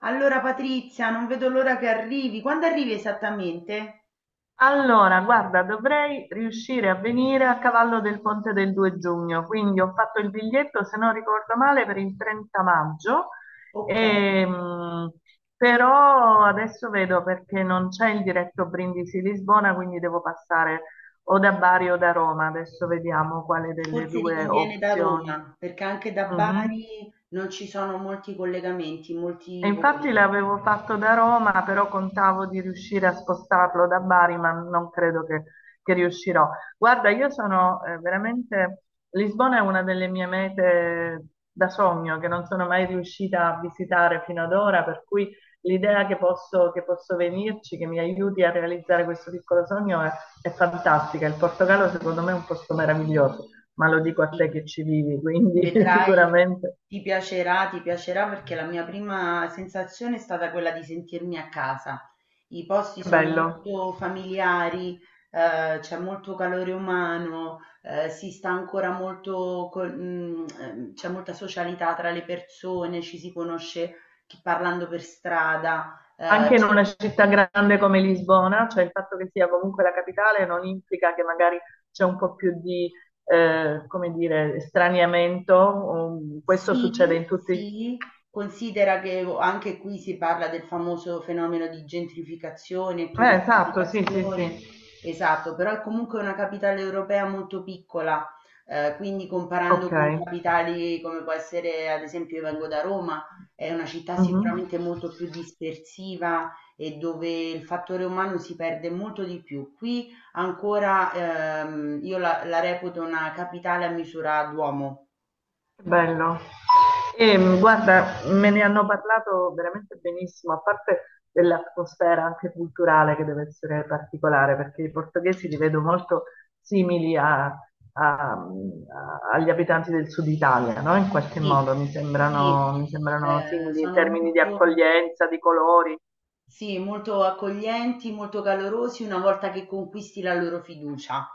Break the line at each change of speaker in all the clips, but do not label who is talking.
Allora Patrizia, non vedo l'ora che arrivi. Quando arrivi esattamente?
Allora, guarda, dovrei riuscire a venire a cavallo del ponte del 2 giugno, quindi ho fatto il biglietto, se non ricordo male, per il 30 maggio,
Ok,
ehm, però adesso vedo perché non c'è il diretto Brindisi-Lisbona, quindi devo passare o da Bari o da Roma, adesso vediamo quale delle
forse ti
due
conviene da
opzioni.
Roma, perché anche da
Mhm.
Bari non ci sono molti collegamenti,
E
molti voli.
infatti l'avevo fatto da Roma, però contavo di riuscire a spostarlo da Bari, ma non credo che riuscirò. Guarda, io sono veramente. Lisbona è una delle mie mete da sogno che non sono mai riuscita a visitare fino ad ora, per cui l'idea che posso, venirci, che mi aiuti a realizzare questo piccolo sogno è fantastica. Il Portogallo secondo me è un posto meraviglioso, ma lo dico a te
Sì.
che ci vivi, quindi
Vedrai,
sicuramente.
ti piacerà perché la mia prima sensazione è stata quella di sentirmi a casa. I posti
Che
sono
bello.
molto familiari, c'è molto calore umano, si sta ancora molto, c'è molta socialità tra le persone, ci si conosce parlando per strada,
Anche in una
c'è.
città grande come Lisbona, cioè il fatto che sia comunque la capitale non implica che magari c'è un po' più di, come dire, straniamento. Questo succede
Sì,
in tutti.
sì, considera che o anche qui si parla del famoso fenomeno di gentrificazione,
Esatto, sì, sì,
turistificazione,
sì.
esatto, però è comunque una capitale europea molto piccola, quindi comparando
Ok.
con capitali come può essere, ad esempio, io vengo da Roma. È una città
Mhm.
sicuramente molto più dispersiva e dove il fattore umano si perde molto di più. Qui ancora, io la reputo una capitale a misura d'uomo.
Che bello. E, guarda, me ne hanno parlato veramente benissimo, a parte dell'atmosfera anche culturale che deve essere particolare, perché i portoghesi li vedo molto simili agli abitanti del sud Italia, no? In qualche
Sì,
modo mi
sì,
sembrano, mi sembrano simili in
sono
termini di
molto
accoglienza, di colori.
sì, molto accoglienti, molto calorosi una volta che conquisti la loro fiducia.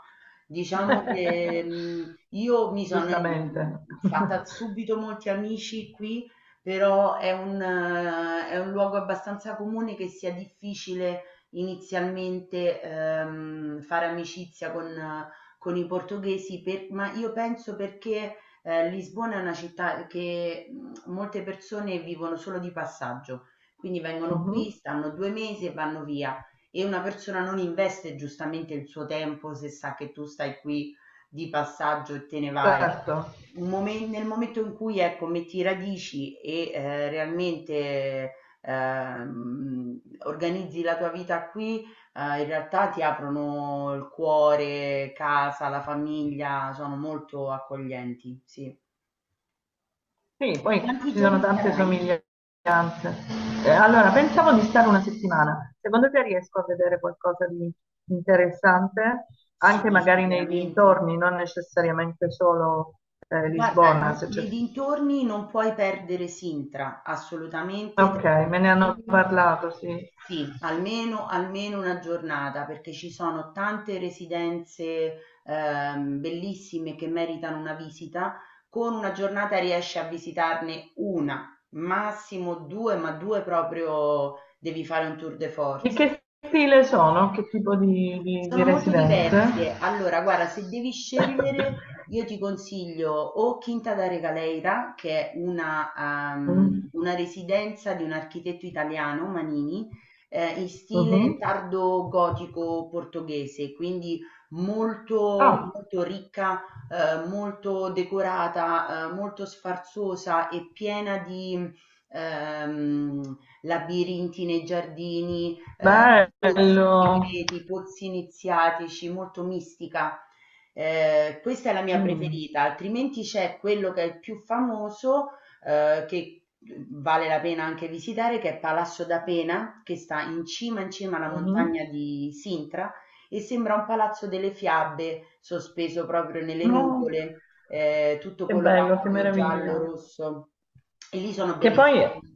Diciamo che io mi sono
Giustamente.
fatta subito molti amici qui, però è un luogo abbastanza comune che sia difficile inizialmente fare amicizia con i portoghesi, ma io penso perché Lisbona è una città che molte persone vivono solo di passaggio, quindi vengono qui,
Mhm.
stanno 2 mesi e vanno via. E una persona non investe giustamente il suo tempo se sa che tu stai qui di passaggio e te ne vai.
Certo.
Nel momento in cui ecco, metti radici e realmente organizzi la tua vita qui, in realtà ti aprono il cuore, casa, la famiglia, sono molto accoglienti, sì.
Sì,
E
poi
quanti
ci sono
giorni
tante
sarai?
somiglianze. Allora, pensavo di stare una settimana. Secondo te riesco a vedere qualcosa di interessante? Anche
Sì,
magari nei
sicuramente.
dintorni, non necessariamente solo
Guarda,
Lisbona.
n
Se c'è-
nei dintorni non puoi perdere Sintra, assolutamente te
Ok,
la
me ne hanno
consiglio.
parlato, sì.
Sì, almeno 1 giornata, perché ci sono tante residenze, bellissime che meritano una visita. Con 1 giornata riesci a visitarne 1, massimo 2, ma 2 proprio devi fare un tour de
Di
force.
che stile sono? Che tipo di
Sono molto
residenze?
diverse. Allora, guarda, se devi scegliere, io ti consiglio o Quinta da Regaleira, che è
Mm.
una residenza di un architetto italiano, Manini, in stile
Mhm.
tardo gotico portoghese, quindi molto,
Ah,
molto ricca, molto decorata, molto sfarzosa e piena di ehm, labirinti nei giardini, ehm, pozzi
bello.
segreti, pozzi iniziatici, molto mistica. Questa è la mia
Mm.
preferita, altrimenti c'è quello che è il più famoso, che vale la pena anche visitare, che è Palazzo da Pena, che sta in cima alla
Mhm.
montagna di Sintra e sembra un palazzo delle fiabe sospeso proprio nelle
No,
nuvole, tutto
che bello, che
colorato, giallo,
meraviglia.
rosso. E lì sono
Che poi,
bellissimi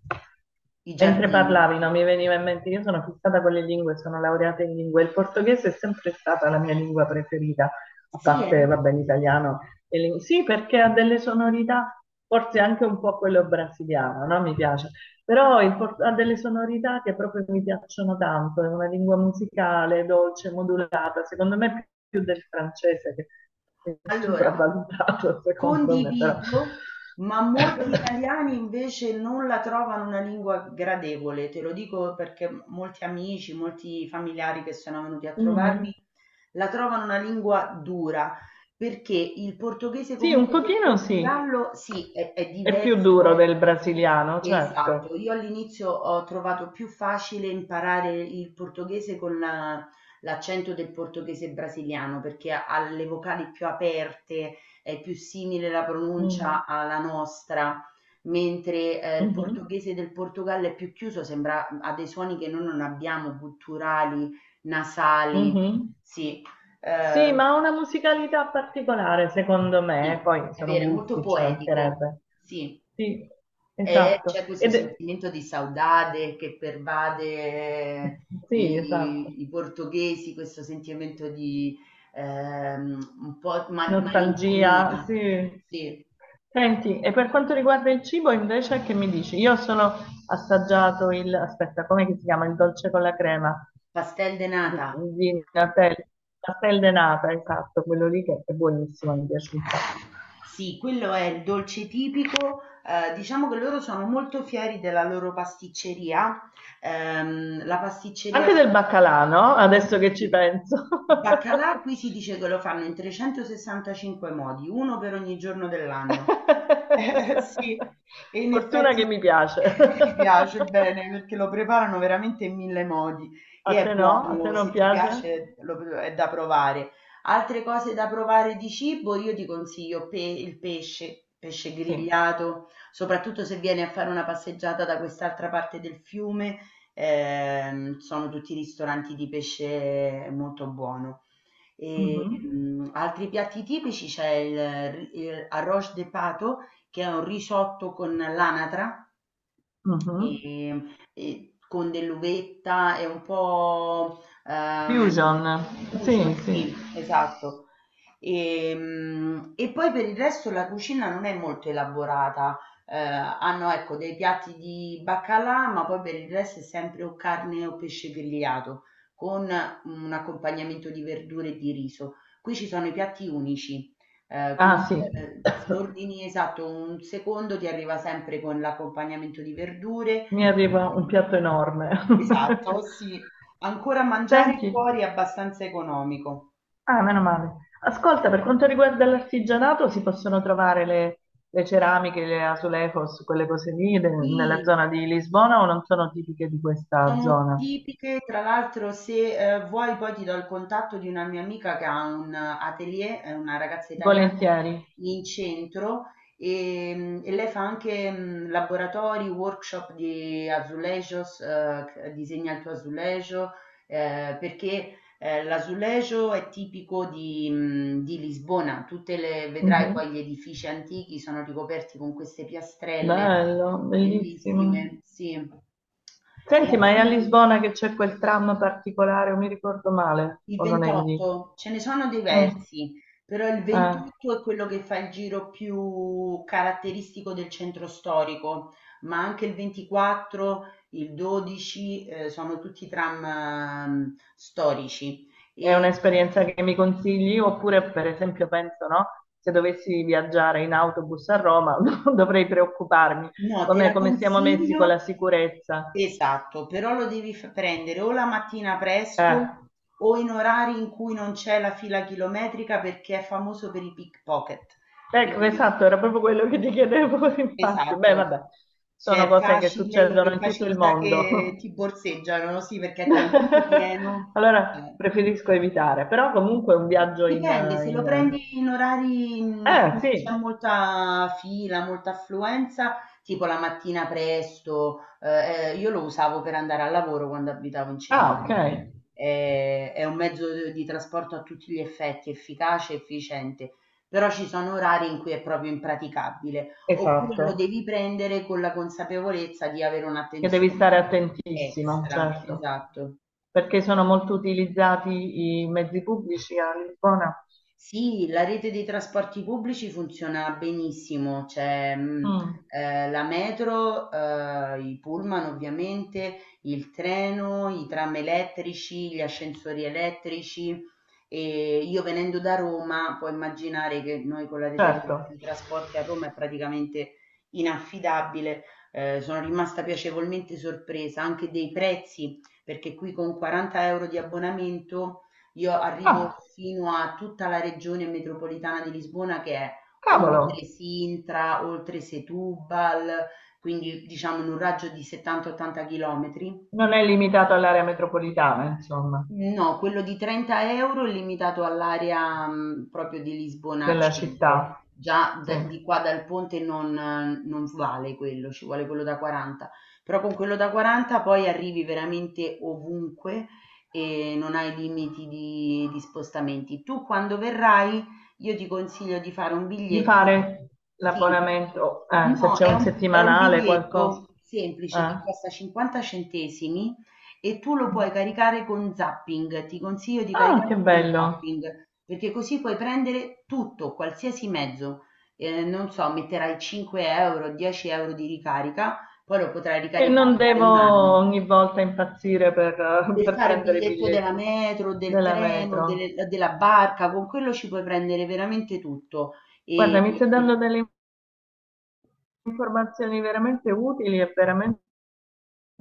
i
mentre
giardini.
parlavi, no, mi veniva in mente, io sono fissata con le lingue, sono laureata in lingue, il portoghese è sempre stata la mia lingua preferita, a
Sì,
parte,
eh?
vabbè, l'italiano. Sì, perché ha delle sonorità, forse anche un po' quello brasiliano, no? Mi piace. Però ha delle sonorità che proprio mi piacciono tanto, è una lingua musicale, dolce, modulata, secondo me più del francese, che è
Allora,
sopravvalutato, secondo me, però.
condivido, ma molti italiani invece non la trovano una lingua gradevole, te lo dico perché molti amici, molti familiari che sono venuti a
Mhm.
trovarmi la trovano una lingua dura, perché il portoghese
Sì, un
comunque del
pochino sì,
Portogallo sì, è
è più duro
diverso.
del brasiliano,
Esatto,
certo.
io all'inizio ho trovato più facile imparare il portoghese con la l'accento del portoghese brasiliano, perché ha le vocali più aperte, è più simile la
Mm.
pronuncia alla nostra, mentre il
Mhm.
portoghese del Portogallo è più chiuso, sembra, ha dei suoni che noi non abbiamo, gutturali, nasali.
Mhm.
Sì,
Sì,
eh,
ma ha una musicalità particolare, secondo me,
sì,
poi
è
sono
vero, è molto
gusti, ci
poetico,
mancherebbe.
sì.
Sì,
E
esatto.
c'è questo sentimento di saudade che pervade
Sì, esatto.
i portoghesi, questo sentimento di un po'
Nostalgia,
malinconia.
sì.
Sì,
Senti, e per quanto riguarda il cibo, invece, che mi dici? Io sono assaggiato il, aspetta, com'è che si chiama? Il dolce con la crema
pastel de nata.
di Natelle, pastel de nata, esatto, quello lì che è buonissimo, mi piace un sacco.
Sì, quello è il dolce tipico. Diciamo che loro sono molto fieri della loro pasticceria. La pasticceria.
Anche del baccalà, no? Adesso che ci
Sì.
penso.
Il baccalà qui si dice che lo fanno in 365 modi, uno per ogni giorno dell'anno. Eh, sì, e in
Fortuna che
effetti
mi piace.
mi piace bene perché lo preparano veramente in mille modi
A
e è
te no? A
buono,
te non
se ti
piace?
piace è da provare. Altre cose da provare di cibo, io ti consiglio il pesce, pesce
Sì.
grigliato, soprattutto se vieni a fare una passeggiata da quest'altra parte del fiume, sono tutti ristoranti di pesce molto buono. E,
Mhm,
altri piatti tipici c'è il arroz de pato, che è un risotto con l'anatra,
mhm.
Ehm, e con dell'uvetta e un po',
Fusion. Sì,
fusion,
sì.
sì, esatto. E, poi per il resto la cucina non è molto elaborata. Hanno ecco dei piatti di baccalà, ma poi per il resto è sempre o carne o pesce grigliato con un accompagnamento di verdure e di riso. Qui ci sono i piatti unici.
Ah,
Quindi,
sì.
se ordini esatto, un secondo ti arriva sempre con l'accompagnamento di verdure,
Mi arriva un
ehm
piatto enorme.
esatto, sì. Ancora mangiare
Senti.
fuori è abbastanza economico.
Ah, meno male. Ascolta, per quanto riguarda l'artigianato, si possono trovare le ceramiche, le azulejos, quelle cose lì, nella
Sì.
zona di Lisbona o non sono tipiche di questa
Sono
zona?
tipiche, tra l'altro se vuoi poi ti do il contatto di una mia amica che ha un atelier, è una ragazza italiana
Volentieri.
in centro e, e lei fa anche laboratori, workshop di azulejos, disegna il tuo azulejo, perché l'azulejo è tipico di, di Lisbona, tutte le, vedrai
Mhm.
poi gli edifici antichi sono ricoperti con queste piastrelle
Bello, bellissimo.
bellissime, sì. E
Senti,
a
ma è a
Fu-
Lisbona che c'è quel tram particolare, o mi ricordo male,
il
o non è lì?
28, ce ne sono
Ah,
diversi, però il
ah.
28 è quello che fa il giro più caratteristico del centro storico, ma anche il 24, il 12, sono tutti tram, storici.
È
E,
un'esperienza che mi consigli? Oppure, per esempio, penso, no? Se dovessi viaggiare in autobus a Roma, dovrei preoccuparmi.
no, te
Come,
la
come siamo messi con
consiglio.
la sicurezza?
Esatto, però lo devi prendere o la mattina
Eh,
presto o in orari in cui non c'è la fila chilometrica perché è famoso per i pickpocket.
ecco,
Quindi,
esatto, era proprio quello che ti chiedevo, infatti. Beh,
esatto,
vabbè, sono
c'è
cose che succedono in tutto il
facilità
mondo.
che ti borseggiano, sì, perché è talmente pieno.
Allora,
eh.
preferisco evitare. Però comunque un viaggio in...
Dipende, se lo
in...
prendi in orari in cui c'è
Sì.
molta fila, molta affluenza, tipo la mattina presto, io lo usavo per andare al lavoro quando abitavo in centro,
Ah, ok.
quindi è un mezzo di trasporto a tutti gli effetti, efficace, e efficiente, però ci sono orari in cui è proprio impraticabile, oppure lo
Esatto.
devi prendere con la consapevolezza di avere
Che devi stare
un'attenzione
attentissimo,
extra,
certo,
esatto.
perché sono molto utilizzati i mezzi pubblici a Lisbona.
Sì, la rete dei trasporti pubblici funziona benissimo, c'è
Mm.
la metro, i pullman ovviamente, il treno, i tram elettrici, gli ascensori elettrici e io venendo da Roma, puoi immaginare che noi con la rete
Certo.
di trasporti a Roma è praticamente inaffidabile. Sono rimasta piacevolmente sorpresa anche dei prezzi, perché qui con 40 € di abbonamento io arrivo
Ah,
fino a tutta la regione metropolitana di Lisbona che è oltre
cavolo,
Sintra, oltre Setúbal, quindi diciamo in un raggio di 70-80 chilometri.
non è limitato all'area metropolitana, insomma,
No, quello di 30 € è limitato all'area, proprio di Lisbona
della
centro.
città.
Già
Sì.
d di qua dal ponte non vale quello, ci vuole quello da 40. Però con quello da 40 poi arrivi veramente ovunque e non hai limiti di spostamenti. Tu quando verrai io ti consiglio di fare un
Di
biglietto.
fare
Sì.
l'abbonamento, se
No,
c'è
è
un
un
settimanale, qualcosa.
biglietto semplice che
Eh.
costa 50 centesimi e tu lo puoi caricare con zapping, ti consiglio di
Ah, che
caricarlo con
bello.
zapping, perché così puoi prendere tutto, qualsiasi mezzo. Non so, metterai 5 euro, 10 € di ricarica, poi lo potrai
E
ricaricare,
non devo
vale un anno.
ogni volta impazzire per,
Per
per
fare
prendere i
biglietto della
biglietti
metro, del
della
treno,
metro.
della barca, con quello ci puoi prendere veramente tutto. E,
Guarda, mi stai dando delle informazioni veramente utili e veramente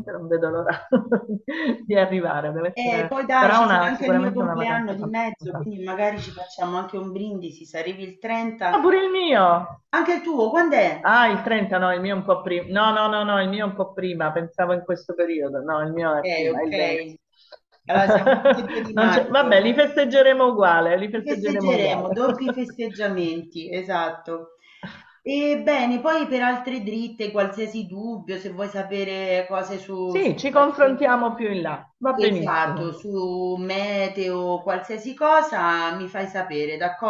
non vedo l'ora di arrivare. Deve
E
essere-
poi dai,
sarà
ci sarà
una-
anche il mio
sicuramente una vacanza
compleanno di mezzo,
fantastica.
quindi magari ci facciamo anche un brindisi, se arrivi il
Ah,
30.
pure il mio!
eh, Anche il tuo, quando è?
Ah, il 30, no, il mio è un po' prima. No, no, no, no, il mio è un po' prima, pensavo in questo periodo. No, il mio
Ok,
è prima, è
ok.
il 20.
Allora siamo tutti e due di
Non c'è- Vabbè,
maggio.
li festeggeremo uguale, li
Ci
festeggeremo
festeggeremo,
uguale.
doppi festeggiamenti, esatto. E bene, poi per altre dritte, qualsiasi dubbio, se vuoi sapere cose su,
Sì, ci confrontiamo più in là, va
esatto,
benissimo.
su meteo, qualsiasi cosa, mi fai sapere, d'accordo?